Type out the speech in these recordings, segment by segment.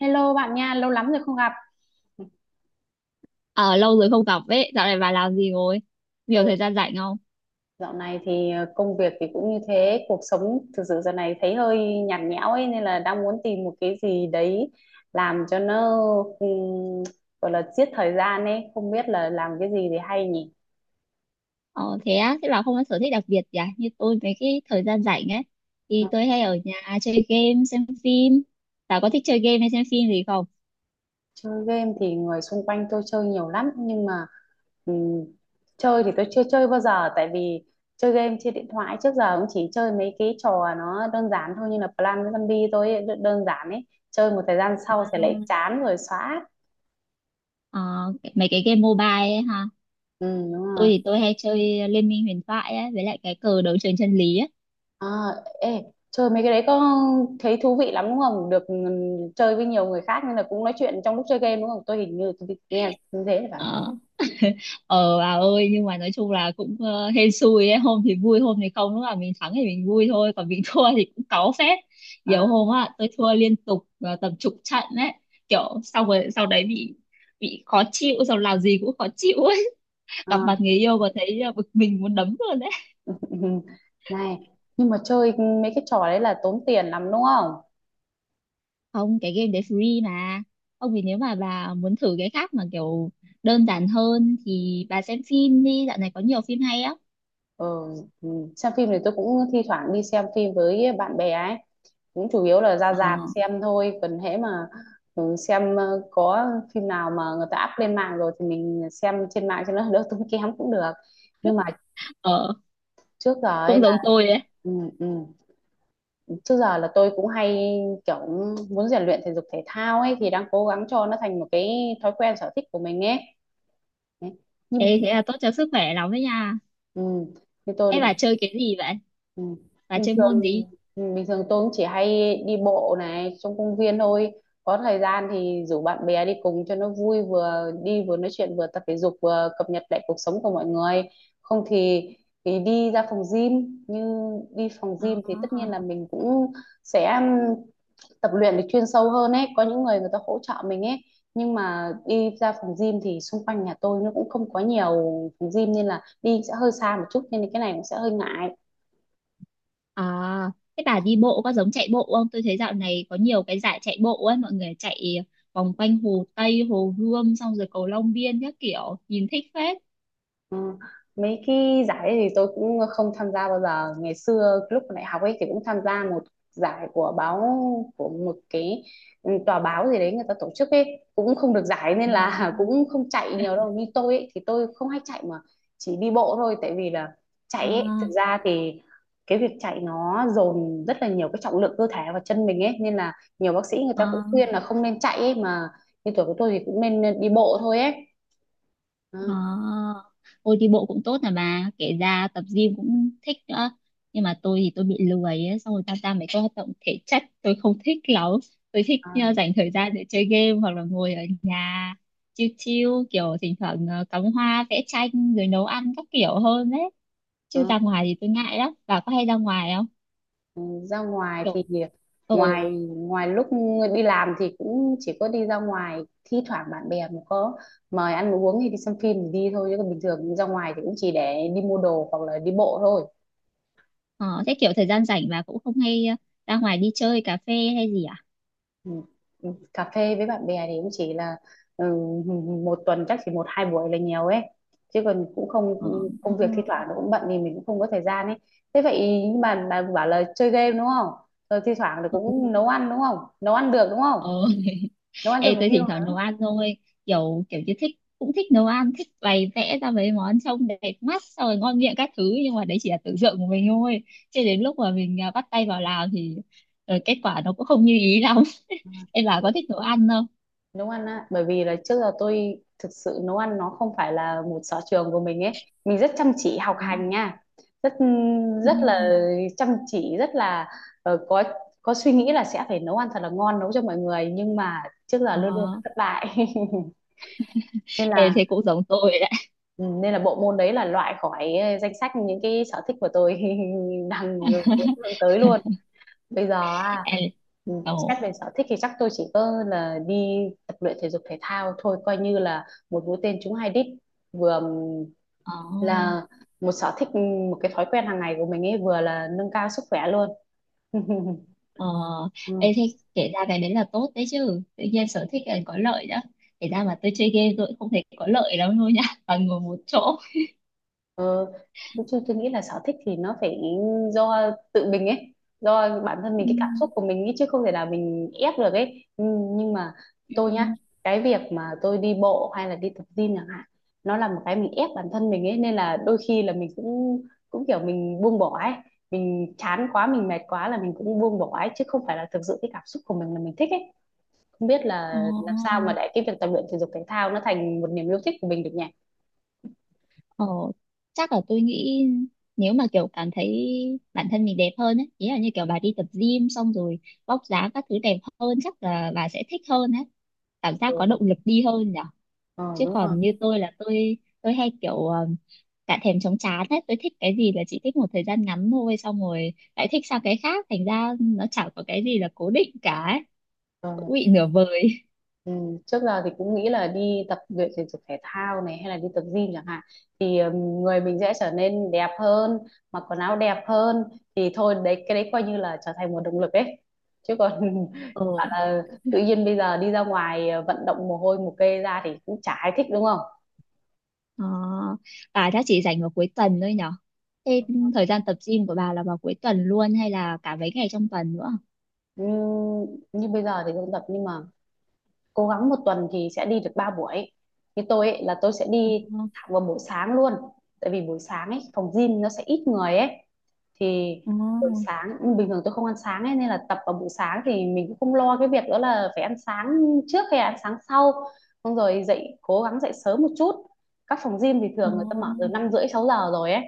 Hello bạn nha, lâu lắm rồi không gặp. Ờ, Lâu rồi không gặp ấy, dạo này bà làm gì rồi? Nhiều Ừ, thời gian rảnh không? dạo này thì công việc thì cũng như thế, cuộc sống thực sự giờ này thấy hơi nhạt nhẽo ấy nên là đang muốn tìm một cái gì đấy làm cho nó ừm, gọi là giết thời gian ấy, không biết là làm cái gì thì hay nhỉ. Ờ, Thế á, thế bà không có sở thích đặc biệt gì à? Như tôi mấy cái thời gian rảnh ấy, thì tôi hay ở nhà chơi game, xem phim. Bà có thích chơi game hay xem phim gì không? Chơi game thì người xung quanh tôi chơi nhiều lắm nhưng mà ừm, chơi thì tôi chưa chơi bao giờ tại vì chơi game trên điện thoại trước giờ cũng chỉ chơi mấy cái trò nó đơn giản thôi như là Plan Zombie tôi ấy, đơn đơn giản ấy chơi một thời gian sau sẽ lại chán rồi xóa. Ờ, Mấy cái game mobile ấy ha. Ừ, đúng rồi. Tôi thì tôi hay chơi Liên minh huyền thoại ấy, với lại cái cờ đấu trường chân lý ấy. À, ê chơi mấy cái đấy có thấy thú vị lắm đúng không, được chơi với nhiều người khác nên là cũng nói chuyện trong lúc chơi game đúng không, tôi hình như nghe như thế là phải. ờ bà ơi, nhưng mà nói chung là cũng hên xui ấy, hôm thì vui hôm thì không, lúc nào mình thắng thì mình vui thôi, còn mình thua thì cũng cáu phết. Nhiều À, hôm á, tôi thua liên tục tầm chục trận đấy. Kiểu sau rồi sau đấy bị khó chịu, xong làm gì cũng khó chịu ấy. Gặp mặt à. người yêu mà thấy bực mình muốn đấm luôn đấy. Ừ, này, nhưng mà chơi mấy cái trò đấy là tốn tiền lắm đúng không? Không, cái game đấy free mà. Ông thì nếu mà bà muốn thử cái khác mà kiểu đơn giản hơn thì bà xem phim đi, dạo này có nhiều phim hay á. Ừ, ừ, xem phim thì tôi cũng thi thoảng đi xem phim với bạn bè ấy. Cũng chủ yếu là ra ờ rạp xem thôi. Còn hễ mà ừ, xem có phim nào mà người ta up lên mạng rồi thì mình xem trên mạng cho nó đỡ tốn kém cũng được. Nhưng mà ờ trước giờ ấy cũng là giống tôi ấy. ừ, ừ, trước giờ là tôi cũng hay kiểu muốn rèn luyện thể dục thể thao ấy thì đang cố gắng cho nó thành một cái thói quen sở thích của mình ấy. Đấy. Ê, thế là tốt cho sức khỏe lắm đấy nha. Ừ. Như tôi Ê, bà thì chơi cái gì vậy? ừ. Bà Bình chơi môn thường gì? Bình thường tôi cũng chỉ hay đi bộ này trong công viên thôi, có thời gian thì rủ bạn bè đi cùng cho nó vui, vừa đi vừa nói chuyện vừa tập thể dục vừa cập nhật lại cuộc sống của mọi người, không thì đi ra phòng gym. Như đi phòng gym À, thì tất nhiên là mình cũng sẽ tập luyện được chuyên sâu hơn ấy, có những người người ta hỗ trợ mình ấy, nhưng mà đi ra phòng gym thì xung quanh nhà tôi nó cũng không có nhiều phòng gym nên là đi sẽ hơi xa một chút nên cái này cũng sẽ hơi ngại. à, thế bà đi bộ có giống chạy bộ không? Tôi thấy dạo này có nhiều cái giải chạy bộ ấy, mọi người chạy vòng quanh Hồ Tây, Hồ Gươm, xong rồi cầu Long Biên các kiểu, nhìn thích phết. Ờ, mấy cái giải ấy thì tôi cũng không tham gia bao giờ, ngày xưa lúc còn đại học ấy thì cũng tham gia một giải của báo, của một cái ừ, tòa báo gì đấy người ta tổ chức ấy, cũng không được giải nên Ừ. là cũng không chạy nhiều đâu. Như tôi ấy thì tôi không hay chạy mà chỉ đi bộ thôi, tại vì là chạy ấy À, thực ra thì cái việc chạy nó dồn rất là nhiều cái trọng lượng cơ thể và chân mình ấy, nên là nhiều bác sĩ người ta cũng khuyên à. là không nên chạy ấy mà, như tuổi của tôi thì cũng nên đi bộ thôi ấy. Ừ. À, ôi đi bộ cũng tốt, là bà kể ra tập gym cũng thích nữa, nhưng mà tôi thì tôi bị lười ấy, xong rồi tham gia mấy cái hoạt động thể chất tôi không thích lắm, tôi thích À, dành thời gian để chơi game hoặc là ngồi ở nhà chill chill, kiểu thỉnh thoảng cắm hoa vẽ tranh rồi nấu ăn các kiểu hơn đấy, chứ ra ừ. ngoài thì tôi ngại lắm. Bà có hay ra ngoài không? Ừ, ra ngoài thì Kiểu ừ. ngoài ngoài lúc đi làm thì cũng chỉ có đi ra ngoài, thi thoảng bạn bè mà có mời ăn uống hay đi xem phim thì đi thôi, chứ còn bình thường ra ngoài thì cũng chỉ để đi mua đồ hoặc là đi bộ thôi. Ờ, Thế kiểu thời gian rảnh bà cũng không hay ra ngoài đi chơi cà phê hay gì à? Ừ. Ừ, cà phê với bạn bè thì cũng chỉ là ừ, một tuần chắc chỉ một hai buổi là nhiều ấy, chứ còn cũng không, công việc thi thoảng nó cũng bận thì mình cũng không có thời gian ấy. Thế vậy nhưng mà bà bảo là chơi game đúng không, rồi thi thoảng là cũng nấu ăn đúng không, nấu ăn được đúng không, Ờ ừ. nấu ăn cho Ê, người tôi thỉnh yêu thoảng nấu hả? ăn thôi, kiểu kiểu như thích cũng thích nấu ăn, thích bày vẽ ra mấy món trông đẹp mắt xong rồi ngon miệng các thứ, nhưng mà đấy chỉ là tưởng tượng của mình thôi. Chứ đến lúc mà mình à, bắt tay vào làm thì kết quả nó cũng không như ý lắm. Em, bà có thích nấu ăn không? Nấu ăn á, bởi vì là trước giờ tôi thực sự nấu ăn nó không phải là một sở trường của mình ấy, mình rất chăm chỉ học Ừ. hành nha, rất Ừ. rất là chăm chỉ, rất là ờ, có có suy nghĩ là sẽ phải nấu ăn thật là ngon, nấu cho mọi người, nhưng mà trước giờ luôn luôn ờ thất bại, nên ê, là thế cũng giống tôi đấy. ừ, nên là bộ môn đấy là loại khỏi danh sách những cái sở thích của tôi, đang hướng tới luôn. Bây giờ Ê, xét ồ, về sở thích thì chắc tôi chỉ có là đi tập luyện thể dục thể thao thôi, coi như là một mũi tên trúng hai đích. Vừa ờ là một sở thích, một cái thói quen hàng ngày của mình ấy, vừa là nâng cao sức khỏe luôn. ờ Ừ. ê, thế kể ra cái đấy là tốt đấy chứ, tự nhiên sở thích là có lợi đó. Kể ra mà tôi chơi game tôi cũng không thấy có lợi lắm luôn nhá, toàn ngồi một chỗ. Ờ, tôi nghĩ là sở thích thì nó phải do tự mình ấy, do bản thân mình, Ừ. cái cảm xúc của mình ấy, chứ không thể là mình ép được ấy. Nhưng mà tôi nhá, cái việc mà tôi đi bộ hay là đi tập gym chẳng hạn, nó là một cái mình ép bản thân mình ấy, nên là đôi khi là mình cũng cũng kiểu mình buông bỏ ấy, mình chán quá, mình mệt quá là mình cũng buông bỏ ấy, chứ không phải là thực sự cái cảm xúc của mình là mình thích ấy. Không biết là làm sao Ồ, mà để cái việc tập luyện thể dục thể thao nó thành một niềm yêu thích của mình được nhỉ? ồ, chắc là tôi nghĩ nếu mà kiểu cảm thấy bản thân mình đẹp hơn ấy, ý là như kiểu bà đi tập gym xong rồi vóc dáng các thứ đẹp hơn chắc là bà sẽ thích hơn ấy. Cảm giác có Ừ, động lực đi hơn nhở. ờ, Chứ đúng rồi. còn như tôi là tôi hay kiểu cả thèm chóng chán ấy, tôi thích cái gì là chỉ thích một thời gian ngắn thôi xong rồi lại thích sang cái khác thành ra nó chẳng có cái gì là cố định cả ấy. Ờ. Cũng bị nửa vời. Ừ, trước giờ thì cũng nghĩ là đi tập luyện thể dục thể thao này hay là đi tập gym chẳng hạn thì người mình sẽ trở nên đẹp hơn, mặc quần áo đẹp hơn, thì thôi đấy cái đấy coi như là trở thành một động lực ấy, chứ còn bảo Ờ là tự nhiên bây giờ đi ra ngoài vận động mồ hôi mồ kê ra thì cũng chả ai thích đúng không. Ờ, bà chắc chỉ rảnh vào cuối tuần thôi nhở? Thế thời gian tập gym của bà là vào cuối tuần luôn hay là cả mấy ngày trong tuần nữa? Ừm, Như bây giờ thì không tập nhưng mà cố gắng một tuần thì sẽ đi được 3 buổi. Như tôi ấy, là tôi sẽ đi Ờ, thẳng vào buổi sáng luôn, tại vì buổi sáng ấy phòng gym nó sẽ ít người ấy, thì ờ, buổi sáng bình thường tôi không ăn sáng ấy nên là tập vào buổi sáng thì mình cũng không lo cái việc đó là phải ăn sáng trước hay ăn sáng sau, xong rồi dậy cố gắng dậy sớm một chút, các phòng gym thì ờ, thường người ta mở từ năm rưỡi sáu giờ rồi ấy,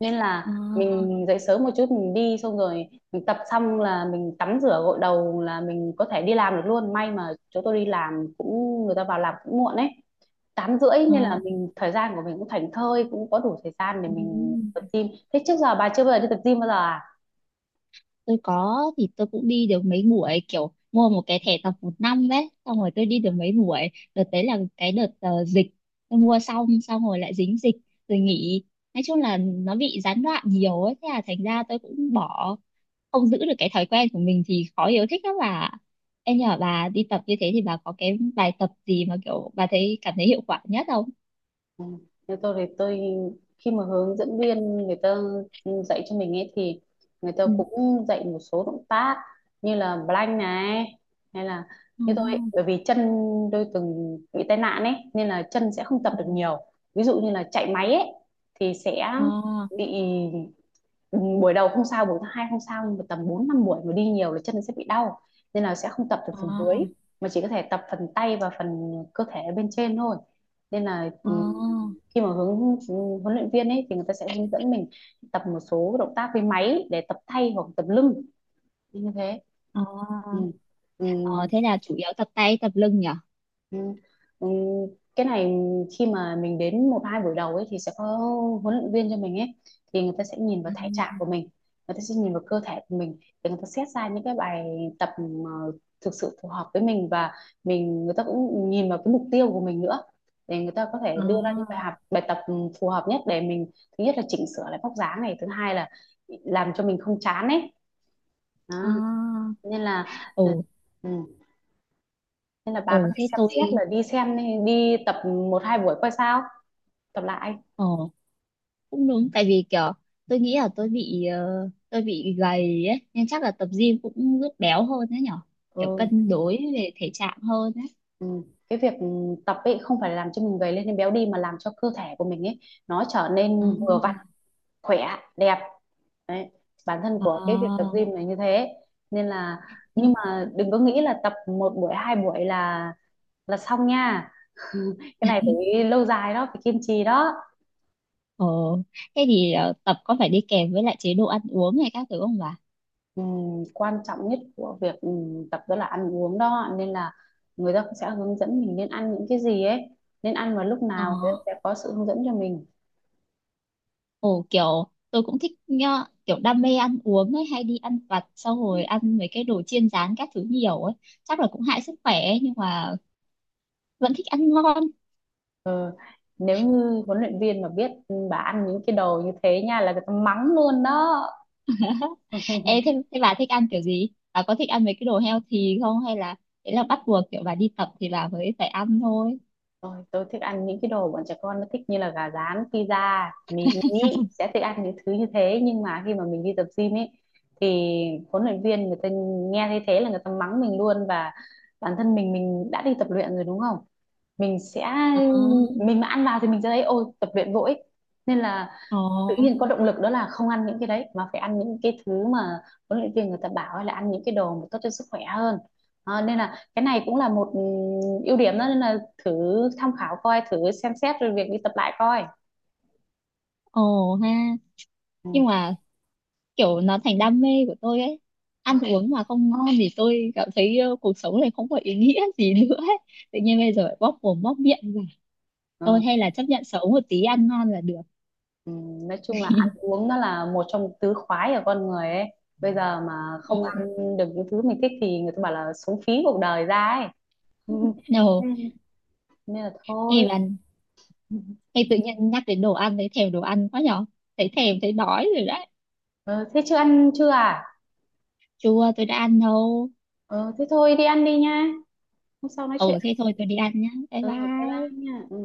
nên là ờ, mình dậy sớm một chút mình đi, xong rồi mình tập xong là mình tắm rửa gội đầu là mình có thể đi làm được luôn, may mà chỗ tôi đi làm cũng người ta vào làm cũng muộn ấy, tám rưỡi, nên là ờ. mình thời gian của mình cũng thảnh thơi, cũng có đủ thời gian để Ừ. mình tập gym. Thế trước giờ bà chưa bao giờ đi tập gym bao giờ à? Tôi có thì tôi cũng đi được mấy buổi, kiểu mua một cái thẻ tập một năm đấy xong rồi tôi đi được mấy buổi. Đợt đấy là cái đợt dịch, tôi mua xong, xong rồi lại dính dịch rồi nghỉ. Nói chung là nó bị gián đoạn nhiều ấy, thế là thành ra tôi cũng bỏ, không giữ được cái thói quen của mình thì khó yêu thích lắm bà. Em nhờ bà đi tập như thế thì bà có cái bài tập gì mà kiểu bà thấy cảm thấy hiệu quả nhất không? Ừ. Thế tôi thì tôi khi mà hướng dẫn viên người ta dạy cho mình ấy thì người ta Ừ. cũng dạy một số động tác như là plank này, hay là Ừ. như tôi ấy, bởi vì chân tôi từng bị tai nạn ấy nên là chân sẽ không tập được nhiều, ví dụ như là chạy máy ấy thì sẽ À, bị. Ừ, buổi đầu không sao, buổi thứ hai không sao, nhưng mà tầm 4 5 buổi mà đi nhiều là chân sẽ bị đau, nên là sẽ không tập được phần dưới à, mà chỉ có thể tập phần tay và phần cơ thể bên trên thôi. Nên là khi mà huấn luyện viên ấy thì người ta sẽ hướng dẫn mình tập một số động tác với máy để tập tay hoặc tập lưng như thế. à, Ừ. à. Ừ. Thế là chủ yếu tập tay tập lưng nhỉ? Ừ. Ừ. Cái này khi mà mình đến một hai buổi đầu ấy thì sẽ có huấn luyện viên cho mình ấy, thì người ta sẽ nhìn vào thể trạng À, của mình, người ta sẽ nhìn vào cơ thể của mình để người ta xét ra những cái bài tập mà thực sự phù hợp với mình, và mình người ta cũng nhìn vào cái mục tiêu của mình nữa để người ta có thể đưa ra những bài à, học bài tập phù hợp nhất để mình, thứ nhất là chỉnh sửa lại vóc dáng này, thứ hai là làm cho mình không chán ấy, đó. à. Nên là ờ, Ồ, ừ nên là bà có thể thế xem tôi, xét là đi xem, đi tập một hai buổi coi sao, tập lại. ồ cũng đúng tại vì kiểu tôi nghĩ là tôi bị gầy ấy nên chắc là tập gym cũng giúp béo hơn đấy nhở. Kiểu Ừ, cân đối về thể trạng hơn đấy. ừ. Cái việc tập ấy không phải là làm cho mình gầy lên hay béo đi mà làm cho cơ thể của mình ấy nó trở À, nên vừa vặn, khỏe, đẹp, đấy, bản thân của cái việc tập à. gym này như thế. Nên là nhưng Nhưng, mà đừng có nghĩ là tập một buổi hai buổi là xong nha, cái này phải lâu dài đó, phải kiên trì đó. ồ Thế thì tập có phải đi kèm với lại chế độ ăn uống hay các thứ không bà? Quan trọng nhất của việc tập đó là ăn uống đó, nên là người ta cũng sẽ hướng dẫn mình nên ăn những cái gì ấy, nên ăn vào lúc Ờ nào, người ta sẽ có sự hướng dẫn cho mình. Ồ kiểu tôi cũng thích nhá, kiểu đam mê ăn uống ấy, hay đi ăn vặt xong rồi ăn mấy cái đồ chiên rán các thứ nhiều ấy, chắc là cũng hại sức khỏe ấy, nhưng mà vẫn thích ăn ngon. Ờ, nếu như huấn luyện viên mà biết bà ăn những cái đồ như thế nha là người ta mắng luôn đó. Ê, thế, thế bà thích ăn kiểu gì? Bà có thích ăn mấy cái đồ healthy không? Hay là đấy là bắt buộc kiểu bà đi tập thì bà mới phải ăn thôi? Ôi, tôi thích ăn những cái đồ bọn trẻ con nó thích, như là gà rán, pizza, mình nghĩ sẽ thích ăn những thứ như thế, nhưng mà khi mà mình đi tập gym ấy thì huấn luyện viên người ta nghe thấy thế là người ta mắng mình luôn, và bản thân mình đã đi tập luyện rồi đúng không? Mình sẽ, Ờ mình mà ăn vào thì mình sẽ thấy ôi tập luyện vội, nên là ồ tự nhiên có động lực đó là không ăn những cái đấy mà phải ăn những cái thứ mà huấn luyện viên người ta bảo, hay là ăn những cái đồ mà tốt cho sức khỏe hơn. Ờ, nên là cái này cũng là một ưu điểm đó, nên là thử tham khảo coi, thử xem xét rồi việc đi tập lại coi. ồ ha nhưng Ừ. mà kiểu nó thành đam mê của tôi ấy, ăn uống mà không ngon thì tôi cảm thấy cuộc sống này không có ý nghĩa gì nữa ấy. Tự nhiên bây giờ lại bóp mồm bóp miệng. Thôi ờ, hay là chấp nhận xấu một tí ăn ngon là được. Nói chung là ăn uống nó là một trong tứ khoái của con người ấy, bây giờ mà không Ồ. ăn được những thứ mình thích thì người ta bảo là sống phí cuộc đời ra ấy. Ừ, No, nên nên là thôi. em bạn, Ừ. hay tự nhiên nhắc đến đồ ăn thấy thèm đồ ăn quá nhỏ. Thấy thèm thấy đói rồi đấy. Ờ, thế chưa ăn chưa à? Chua, tôi đã ăn đâu. Ờ, thế thôi đi ăn đi nha, hôm sau nói Ừ chuyện. thế thôi, tôi đi ăn nhá. Bye Ừ, bye bye bye. nha. Ừ.